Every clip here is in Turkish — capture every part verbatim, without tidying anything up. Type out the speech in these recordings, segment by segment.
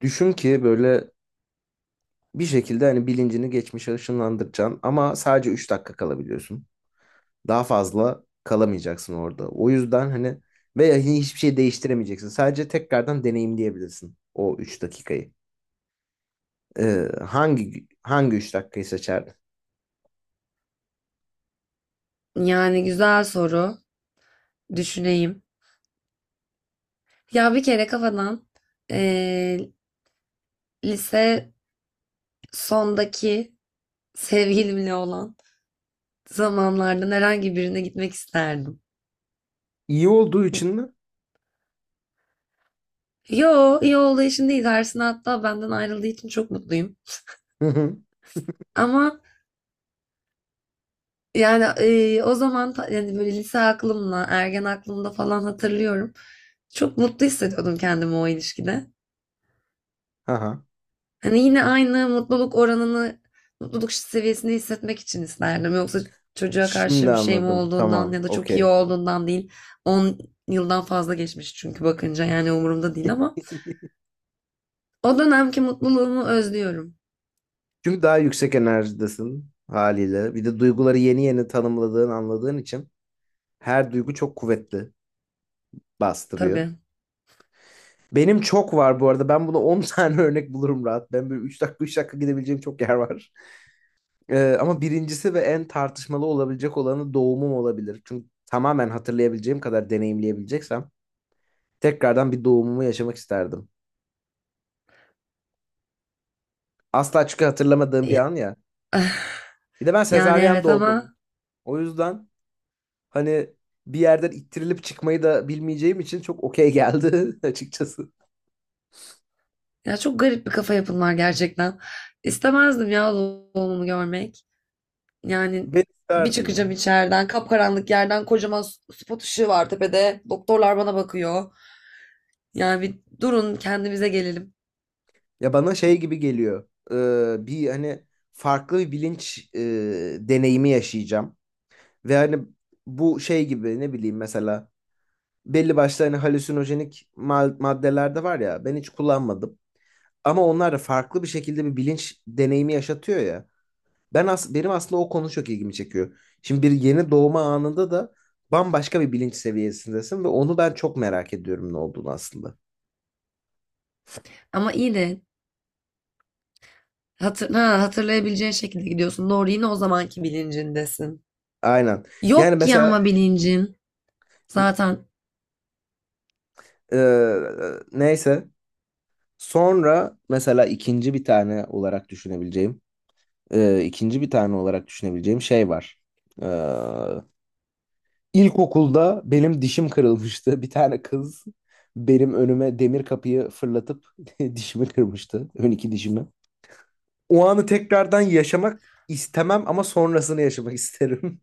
Düşün ki böyle bir şekilde hani bilincini geçmişe ışınlandıracaksın ama sadece üç dakika kalabiliyorsun. Daha fazla kalamayacaksın orada. O yüzden hani veya hiçbir şey değiştiremeyeceksin. Sadece tekrardan deneyimleyebilirsin o üç dakikayı. Ee, hangi hangi üç dakikayı seçerdin? Yani güzel soru. Düşüneyim. Ya bir kere kafadan eee, lise sondaki sevgilimle olan zamanlardan herhangi birine gitmek isterdim. İyi olduğu için mi? Yo, iyi olduğu için değil. Arsına hatta benden ayrıldığı için çok mutluyum. Hı hı. Ama yani e, o zaman ta- yani böyle lise aklımla, ergen aklımda falan hatırlıyorum. Çok mutlu hissediyordum kendimi o ilişkide. Aha. Hani yine aynı mutluluk oranını, mutluluk seviyesini hissetmek için isterdim. Yoksa çocuğa Şimdi karşı bir şey mi anladım. olduğundan Tamam. ya da çok iyi Okey. olduğundan değil. On yıldan fazla geçmiş çünkü bakınca yani umurumda değil ama o dönemki mutluluğumu özlüyorum Çünkü daha yüksek enerjidesin haliyle. Bir de duyguları yeni yeni tanımladığın, anladığın için her duygu çok kuvvetli bastırıyor. tabii. Benim çok var bu arada. Ben buna on tane örnek bulurum rahat. Ben böyle üç dakika üç dakika gidebileceğim çok yer var. Ee, ama birincisi ve en tartışmalı olabilecek olanı doğumum olabilir. Çünkü tamamen hatırlayabileceğim kadar deneyimleyebileceksem tekrardan bir doğumumu yaşamak isterdim. Asla çünkü hatırlamadığım bir Ya- an ya. Bir de ben Yani sezaryen evet doğdum. ama O yüzden hani bir yerden ittirilip çıkmayı da bilmeyeceğim için çok okey geldi açıkçası. ya çok garip bir kafa yapın var gerçekten. İstemezdim ya doğumumu görmek. Yani Ben bir isterdim ya. çıkacağım içeriden, kapkaranlık yerden kocaman s- spot ışığı var tepede. Doktorlar bana bakıyor. Yani bir durun kendimize gelelim. Ya bana şey gibi geliyor. Ee, bir hani farklı bir bilinç e, deneyimi yaşayacağım. Ve hani bu şey gibi ne bileyim mesela belli başlı hani halüsinojenik ma- maddeler de var ya ben hiç kullanmadım. Ama onlar da farklı bir şekilde bir bilinç deneyimi yaşatıyor ya. Ben as benim aslında o konu çok ilgimi çekiyor. Şimdi bir yeni doğma anında da bambaşka bir bilinç seviyesindesin ve onu ben çok merak ediyorum ne olduğunu aslında. Ama iyi de hatır, ha, hatırlayabileceğin şekilde gidiyorsun. Doğru yine o zamanki bilincindesin. Aynen. Yani Yok ki mesela ama bilincin. Zaten e, neyse. Sonra mesela ikinci bir tane olarak düşünebileceğim, e, ikinci bir tane olarak düşünebileceğim şey var. E, ilkokulda benim dişim kırılmıştı. Bir tane kız benim önüme demir kapıyı fırlatıp dişimi kırmıştı. Ön iki dişimi. O anı tekrardan yaşamak istemem ama sonrasını yaşamak isterim.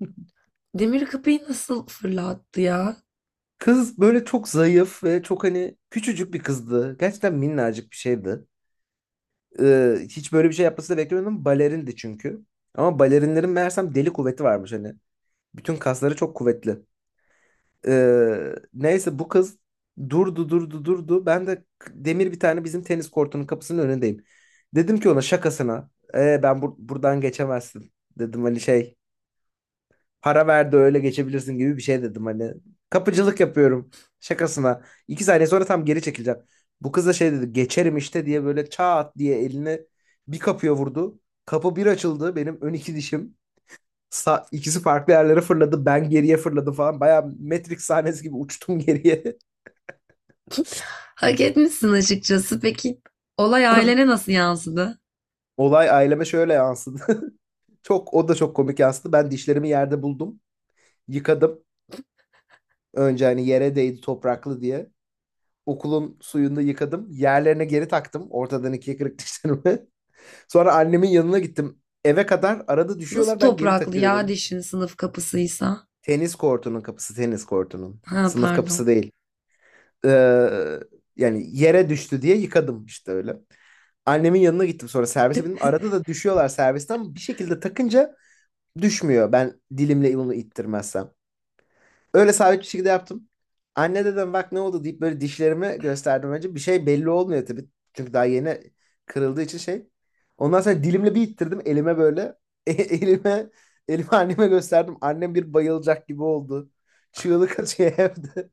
demir kapıyı nasıl fırlattı ya? Kız böyle çok zayıf ve çok hani küçücük bir kızdı. Gerçekten minnacık bir şeydi. e, hiç böyle bir şey yapması da beklemiyordum. Balerindi çünkü. Ama balerinlerin meğersem deli kuvveti varmış hani. Bütün kasları çok kuvvetli. E, neyse bu kız durdu durdu durdu. Ben de k- demir bir tane bizim tenis kortunun kapısının önündeyim. Dedim ki ona şakasına. E, ben bur- buradan geçemezsin. Dedim hani şey: para ver de öyle geçebilirsin gibi bir şey dedim hani. Kapıcılık yapıyorum şakasına. İki saniye sonra tam geri çekileceğim. Bu kız da şey dedi, geçerim işte diye, böyle çat diye elini bir kapıya vurdu. Kapı bir açıldı, benim ön iki dişim. Sa ikisi farklı yerlere fırladı, ben geriye fırladım falan. Baya Matrix sahnesi gibi uçtum geriye. Hak etmişsin açıkçası. Peki olay ailene nasıl yansıdı? Olay aileme şöyle yansıdı. Çok o da çok komik yansıdı. Ben dişlerimi yerde buldum. Yıkadım. Önce hani yere değdi topraklı diye. Okulun suyunda yıkadım. Yerlerine geri taktım. Ortadan ikiye kırık dişlerimi. Sonra annemin yanına gittim. Eve kadar arada Nasıl düşüyorlar, ben geri topraklı ya takıyorum. dişin, sınıf kapısıysa? Tenis kortunun kapısı, tenis kortunun. Ha Sınıf pardon. kapısı değil. Ee, yani yere düştü diye yıkadım işte öyle. Annemin yanına gittim, sonra servise bindim. Arada da düşüyorlar, servisten bir şekilde takınca düşmüyor. Ben dilimle bunu ittirmezsem. Öyle sabit bir şekilde yaptım. Anne dedim bak ne oldu deyip böyle dişlerimi gösterdim önce. Bir şey belli olmuyor tabii. Çünkü daha yeni kırıldığı için şey. Ondan sonra dilimle bir ittirdim elime böyle. E- elime elime anneme gösterdim. Annem bir bayılacak gibi oldu. Çığlık atıyor evde.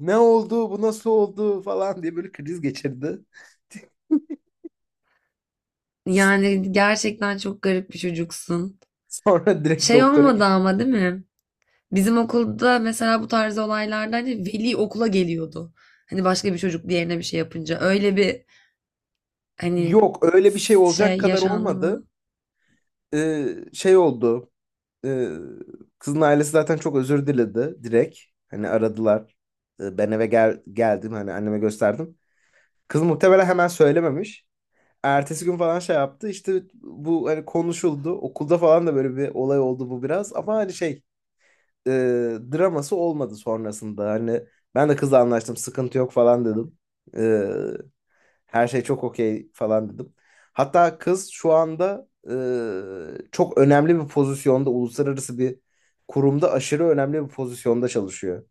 Ne oldu? Bu nasıl oldu falan diye böyle kriz geçirdi. Yani gerçekten çok garip bir çocuksun. Sonra direkt Şey doktora olmadı gittim. ama değil mi? Bizim okulda mesela bu tarz olaylarda hani veli okula geliyordu. Hani başka bir çocuk diğerine bir şey yapınca. Öyle bir hani Yok öyle bir şey olacak şey kadar yaşandı olmadı. mı? Ee, şey oldu. e, kızın ailesi zaten çok özür diledi direkt. Hani aradılar. E, ben eve gel geldim hani anneme gösterdim. Kız muhtemelen hemen söylememiş. Ertesi gün falan şey yaptı. İşte bu hani konuşuldu. Okulda falan da böyle bir olay oldu bu, biraz. Ama hani şey, e, draması olmadı sonrasında. Hani ben de kızla anlaştım, sıkıntı yok falan dedim. Her şey çok okey falan dedim. Hatta kız şu anda e, çok önemli bir pozisyonda, uluslararası bir kurumda aşırı önemli bir pozisyonda çalışıyor.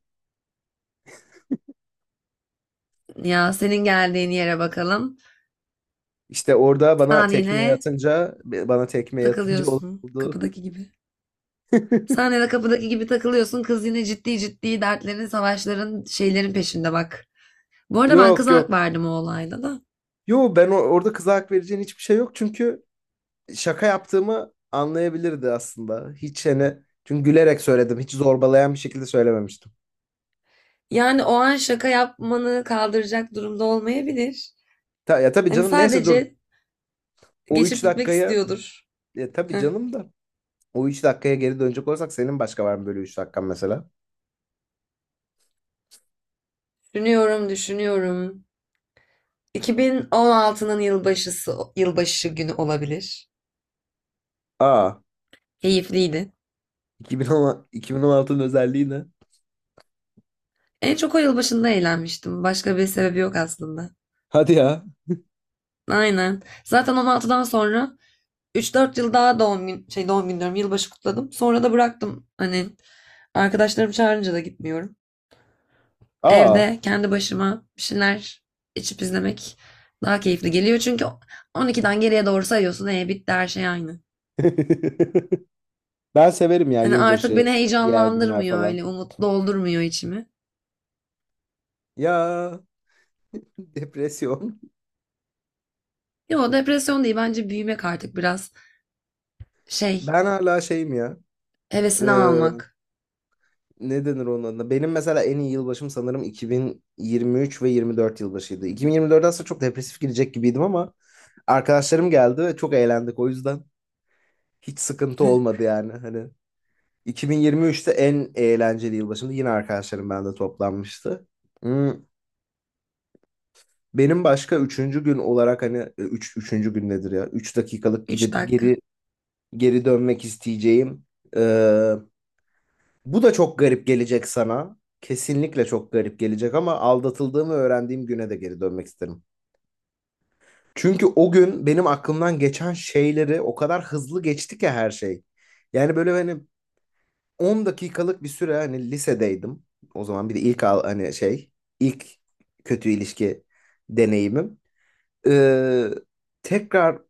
Ya senin geldiğin yere bakalım. İşte orada bana Sen tekmeyi yine atınca, bana tekmeyi atınca takılıyorsun oldu. kapıdaki gibi. Sen yine kapıdaki gibi takılıyorsun. Kız yine ciddi ciddi dertlerin, savaşların, şeylerin peşinde bak. Bu arada ben Yok kıza hak yok. verdim o olayda da. Yo, ben o- orada kıza hak vereceğin hiçbir şey yok, çünkü şaka yaptığımı anlayabilirdi aslında. Hiç hani, çünkü gülerek söyledim. Hiç zorbalayan bir şekilde söylememiştim. Yani o an şaka yapmanı kaldıracak durumda olmayabilir. Ta, ya tabii Hani canım, neyse dur. sadece O geçip üç gitmek dakikaya istiyordur. ya tabii Heh. canım da O üç dakikaya geri dönecek olursak senin başka var mı böyle üç dakikan mesela? Düşünüyorum, düşünüyorum. iki bin on altının yılbaşısı, yılbaşı günü olabilir. Aa. Keyifliydi. iki bin on iki bin on altının özelliği ne? En çok o yılbaşında eğlenmiştim. Başka bir sebebi yok aslında. Hadi ya. Aynen. Zaten on altıdan sonra üç dört yıl daha doğum gün, şey doğum günü diyorum, yılbaşı kutladım. Sonra da bıraktım. Hani arkadaşlarım çağırınca da gitmiyorum. Aa. Evde kendi başıma bir şeyler içip izlemek daha keyifli geliyor. Çünkü on ikiden geriye doğru sayıyorsun. E bitti her şey aynı. Ben severim ya Hani artık yılbaşı, beni diğer günler heyecanlandırmıyor, falan. öyle umut doldurmuyor içimi. Ya, depresyon. Yo, depresyon değil bence, büyümek artık biraz şey, Ben hala şeyim ya. hevesini Ee, almak. ne denir onun adına? Benim mesela en iyi yılbaşım sanırım iki bin yirmi üç ve yirmi dört yılbaşıydı. iki bin yirmi dörtten aslında çok depresif girecek gibiydim ama arkadaşlarım geldi ve çok eğlendik, o yüzden hiç sıkıntı olmadı yani. Hani iki bin yirmi üçte en eğlenceli yılbaşımdı. Yine arkadaşlarım bende toplanmıştı. Hmm, Benim başka üçüncü gün olarak hani e, üç, üçüncü gün nedir ya? Üç dakikalık Üç gidip dakika. geri geri dönmek isteyeceğim. Ee, bu da çok garip gelecek sana. Kesinlikle çok garip gelecek ama aldatıldığımı öğrendiğim güne de geri dönmek isterim. Çünkü o gün benim aklımdan geçen şeyleri, o kadar hızlı geçti ki her şey. Yani böyle hani on dakikalık bir süre, hani lisedeydim. O zaman bir de ilk al, hani şey, ilk kötü ilişki deneyimim. Ee, tekrar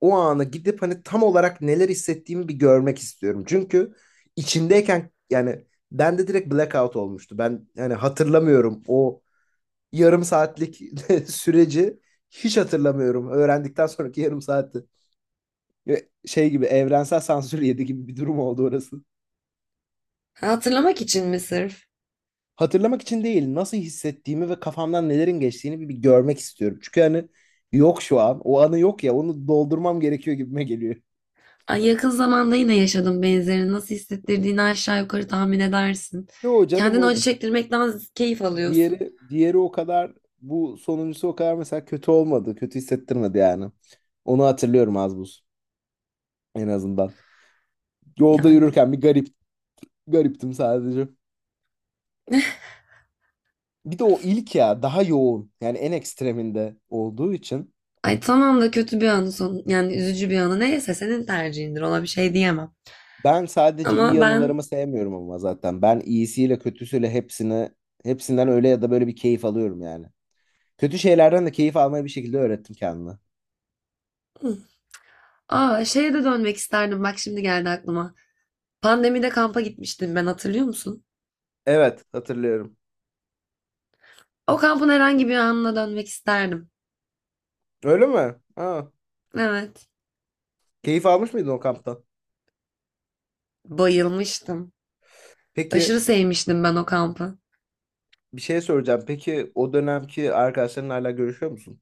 o ana gidip hani tam olarak neler hissettiğimi bir görmek istiyorum. Çünkü içindeyken yani bende direkt blackout olmuştu. Ben yani hatırlamıyorum o yarım saatlik süreci, hiç hatırlamıyorum. Öğrendikten sonraki yarım saati. Ve Şey gibi evrensel sansür yedi gibi bir durum oldu orası. Ha, hatırlamak için mi sırf? Hatırlamak için değil, nasıl hissettiğimi ve kafamdan nelerin geçtiğini bir, bir görmek istiyorum. Çünkü hani yok şu an. O anı yok ya, onu doldurmam gerekiyor gibime geliyor. Ay, yakın zamanda yine yaşadım benzerini. Nasıl hissettirdiğini aşağı yukarı tahmin edersin. Yo canım, Kendini o acı çektirmekten keyif alıyorsun. diğeri diğeri, o kadar, bu sonuncusu o kadar mesela kötü olmadı. Kötü hissettirmedi yani. Onu hatırlıyorum az buz, en azından. Yolda Yani. yürürken bir garip gariptim sadece. Bir de o ilk ya daha yoğun. Yani en ekstreminde olduğu için. Ay tamam da kötü bir anı son yani üzücü bir anı neyse senin tercihindir, ona bir şey diyemem. Ben sadece Ama iyi ben, anılarımı sevmiyorum ama zaten. Ben iyisiyle kötüsüyle hepsini, hepsinden öyle ya da böyle bir keyif alıyorum yani. Kötü şeylerden de keyif almayı bir şekilde öğrettim kendime. aa, şeye de dönmek isterdim, bak şimdi geldi aklıma. Pandemide kampa gitmiştim ben, hatırlıyor musun? Evet, hatırlıyorum. O kampın herhangi bir anına dönmek isterdim. Öyle mi? Ha. Evet. Keyif almış mıydın o kamptan? Bayılmıştım. Peki Aşırı sevmiştim ben o kampı. bir şey soracağım. Peki o dönemki arkadaşlarınla hala görüşüyor musun?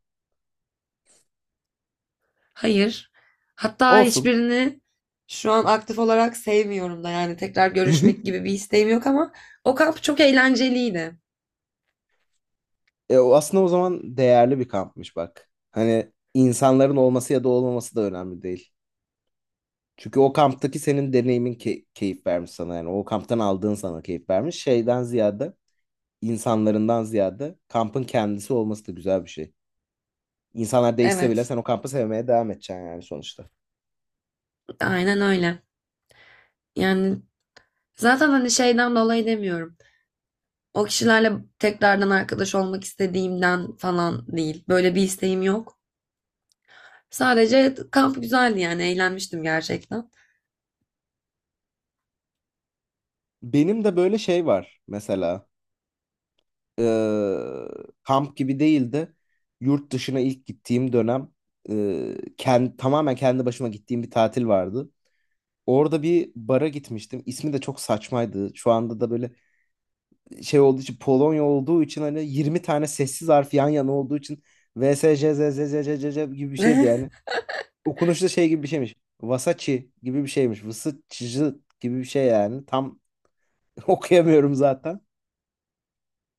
Hayır. Hatta Olsun. hiçbirini şu an aktif olarak sevmiyorum da, yani tekrar görüşmek gibi bir isteğim yok ama o kamp çok eğlenceliydi. E, o aslında o zaman değerli bir kampmış bak. Hani insanların olması ya da olmaması da önemli değil. Çünkü o kamptaki senin deneyimin key- keyif vermiş sana yani. O kamptan aldığın sana keyif vermiş. Şeyden ziyade, insanlarından ziyade kampın kendisi olması da güzel bir şey. İnsanlar değişse bile Evet. sen o kampı sevmeye devam edeceksin yani sonuçta. Aynen öyle. Yani zaten hani şeyden dolayı demiyorum. O kişilerle tekrardan arkadaş olmak istediğimden falan değil. Böyle bir isteğim yok. Sadece kamp güzeldi, yani eğlenmiştim gerçekten. Benim de böyle şey var mesela. Ee, kamp gibi değil de yurt dışına ilk gittiğim dönem, e, kend- tamamen kendi başıma gittiğim bir tatil vardı. Orada bir bara gitmiştim. İsmi de çok saçmaydı. Şu anda da böyle şey olduğu için, Polonya olduğu için hani yirmi tane sessiz harf yan yana olduğu için, V S J Z Z Z Z Z Z gibi bir şeydi yani. Okunuşu da şey gibi bir şeymiş. Vasaçi gibi bir şeymiş. Vısıçıcı gibi bir şey yani. Tam okuyamıyorum zaten.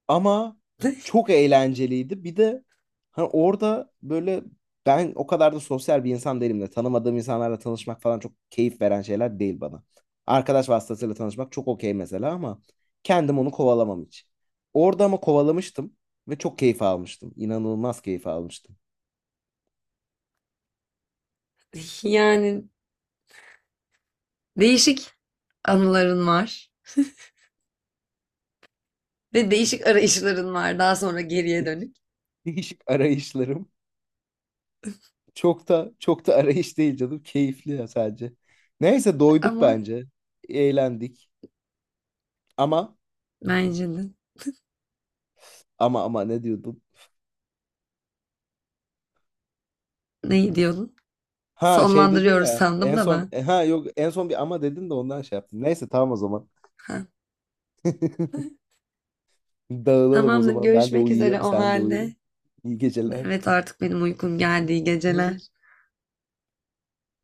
Ama çok eğlenceliydi. Bir de hani orada böyle, ben o kadar da sosyal bir insan değilim de, tanımadığım insanlarla tanışmak falan çok keyif veren şeyler değil bana. Arkadaş vasıtasıyla tanışmak çok okey mesela ama kendim onu kovalamam hiç. Orada ama kovalamıştım ve çok keyif almıştım. İnanılmaz keyif almıştım. Yani değişik anıların var ve değişik arayışların var daha sonra geriye Değişik dönük. değişik arayışlarım. Çok da çok da arayış değil canım. Keyifli ya sadece. Neyse doyduk Ama bence. Eğlendik. Ama bence de ama ama ne diyordum? ne diyordun? Ha şey dedin Sonlandırıyoruz ya sandım en da son, ben. e, ha yok en son bir ama dedin de ondan şey yaptım. Neyse tamam o zaman. Ha. Dağılalım o Tamamdır, zaman. Ben de görüşmek üzere uyuyayım, o sen de uyu. halde. İyi geceler. Evet artık benim uykum geldi. İyi geceler.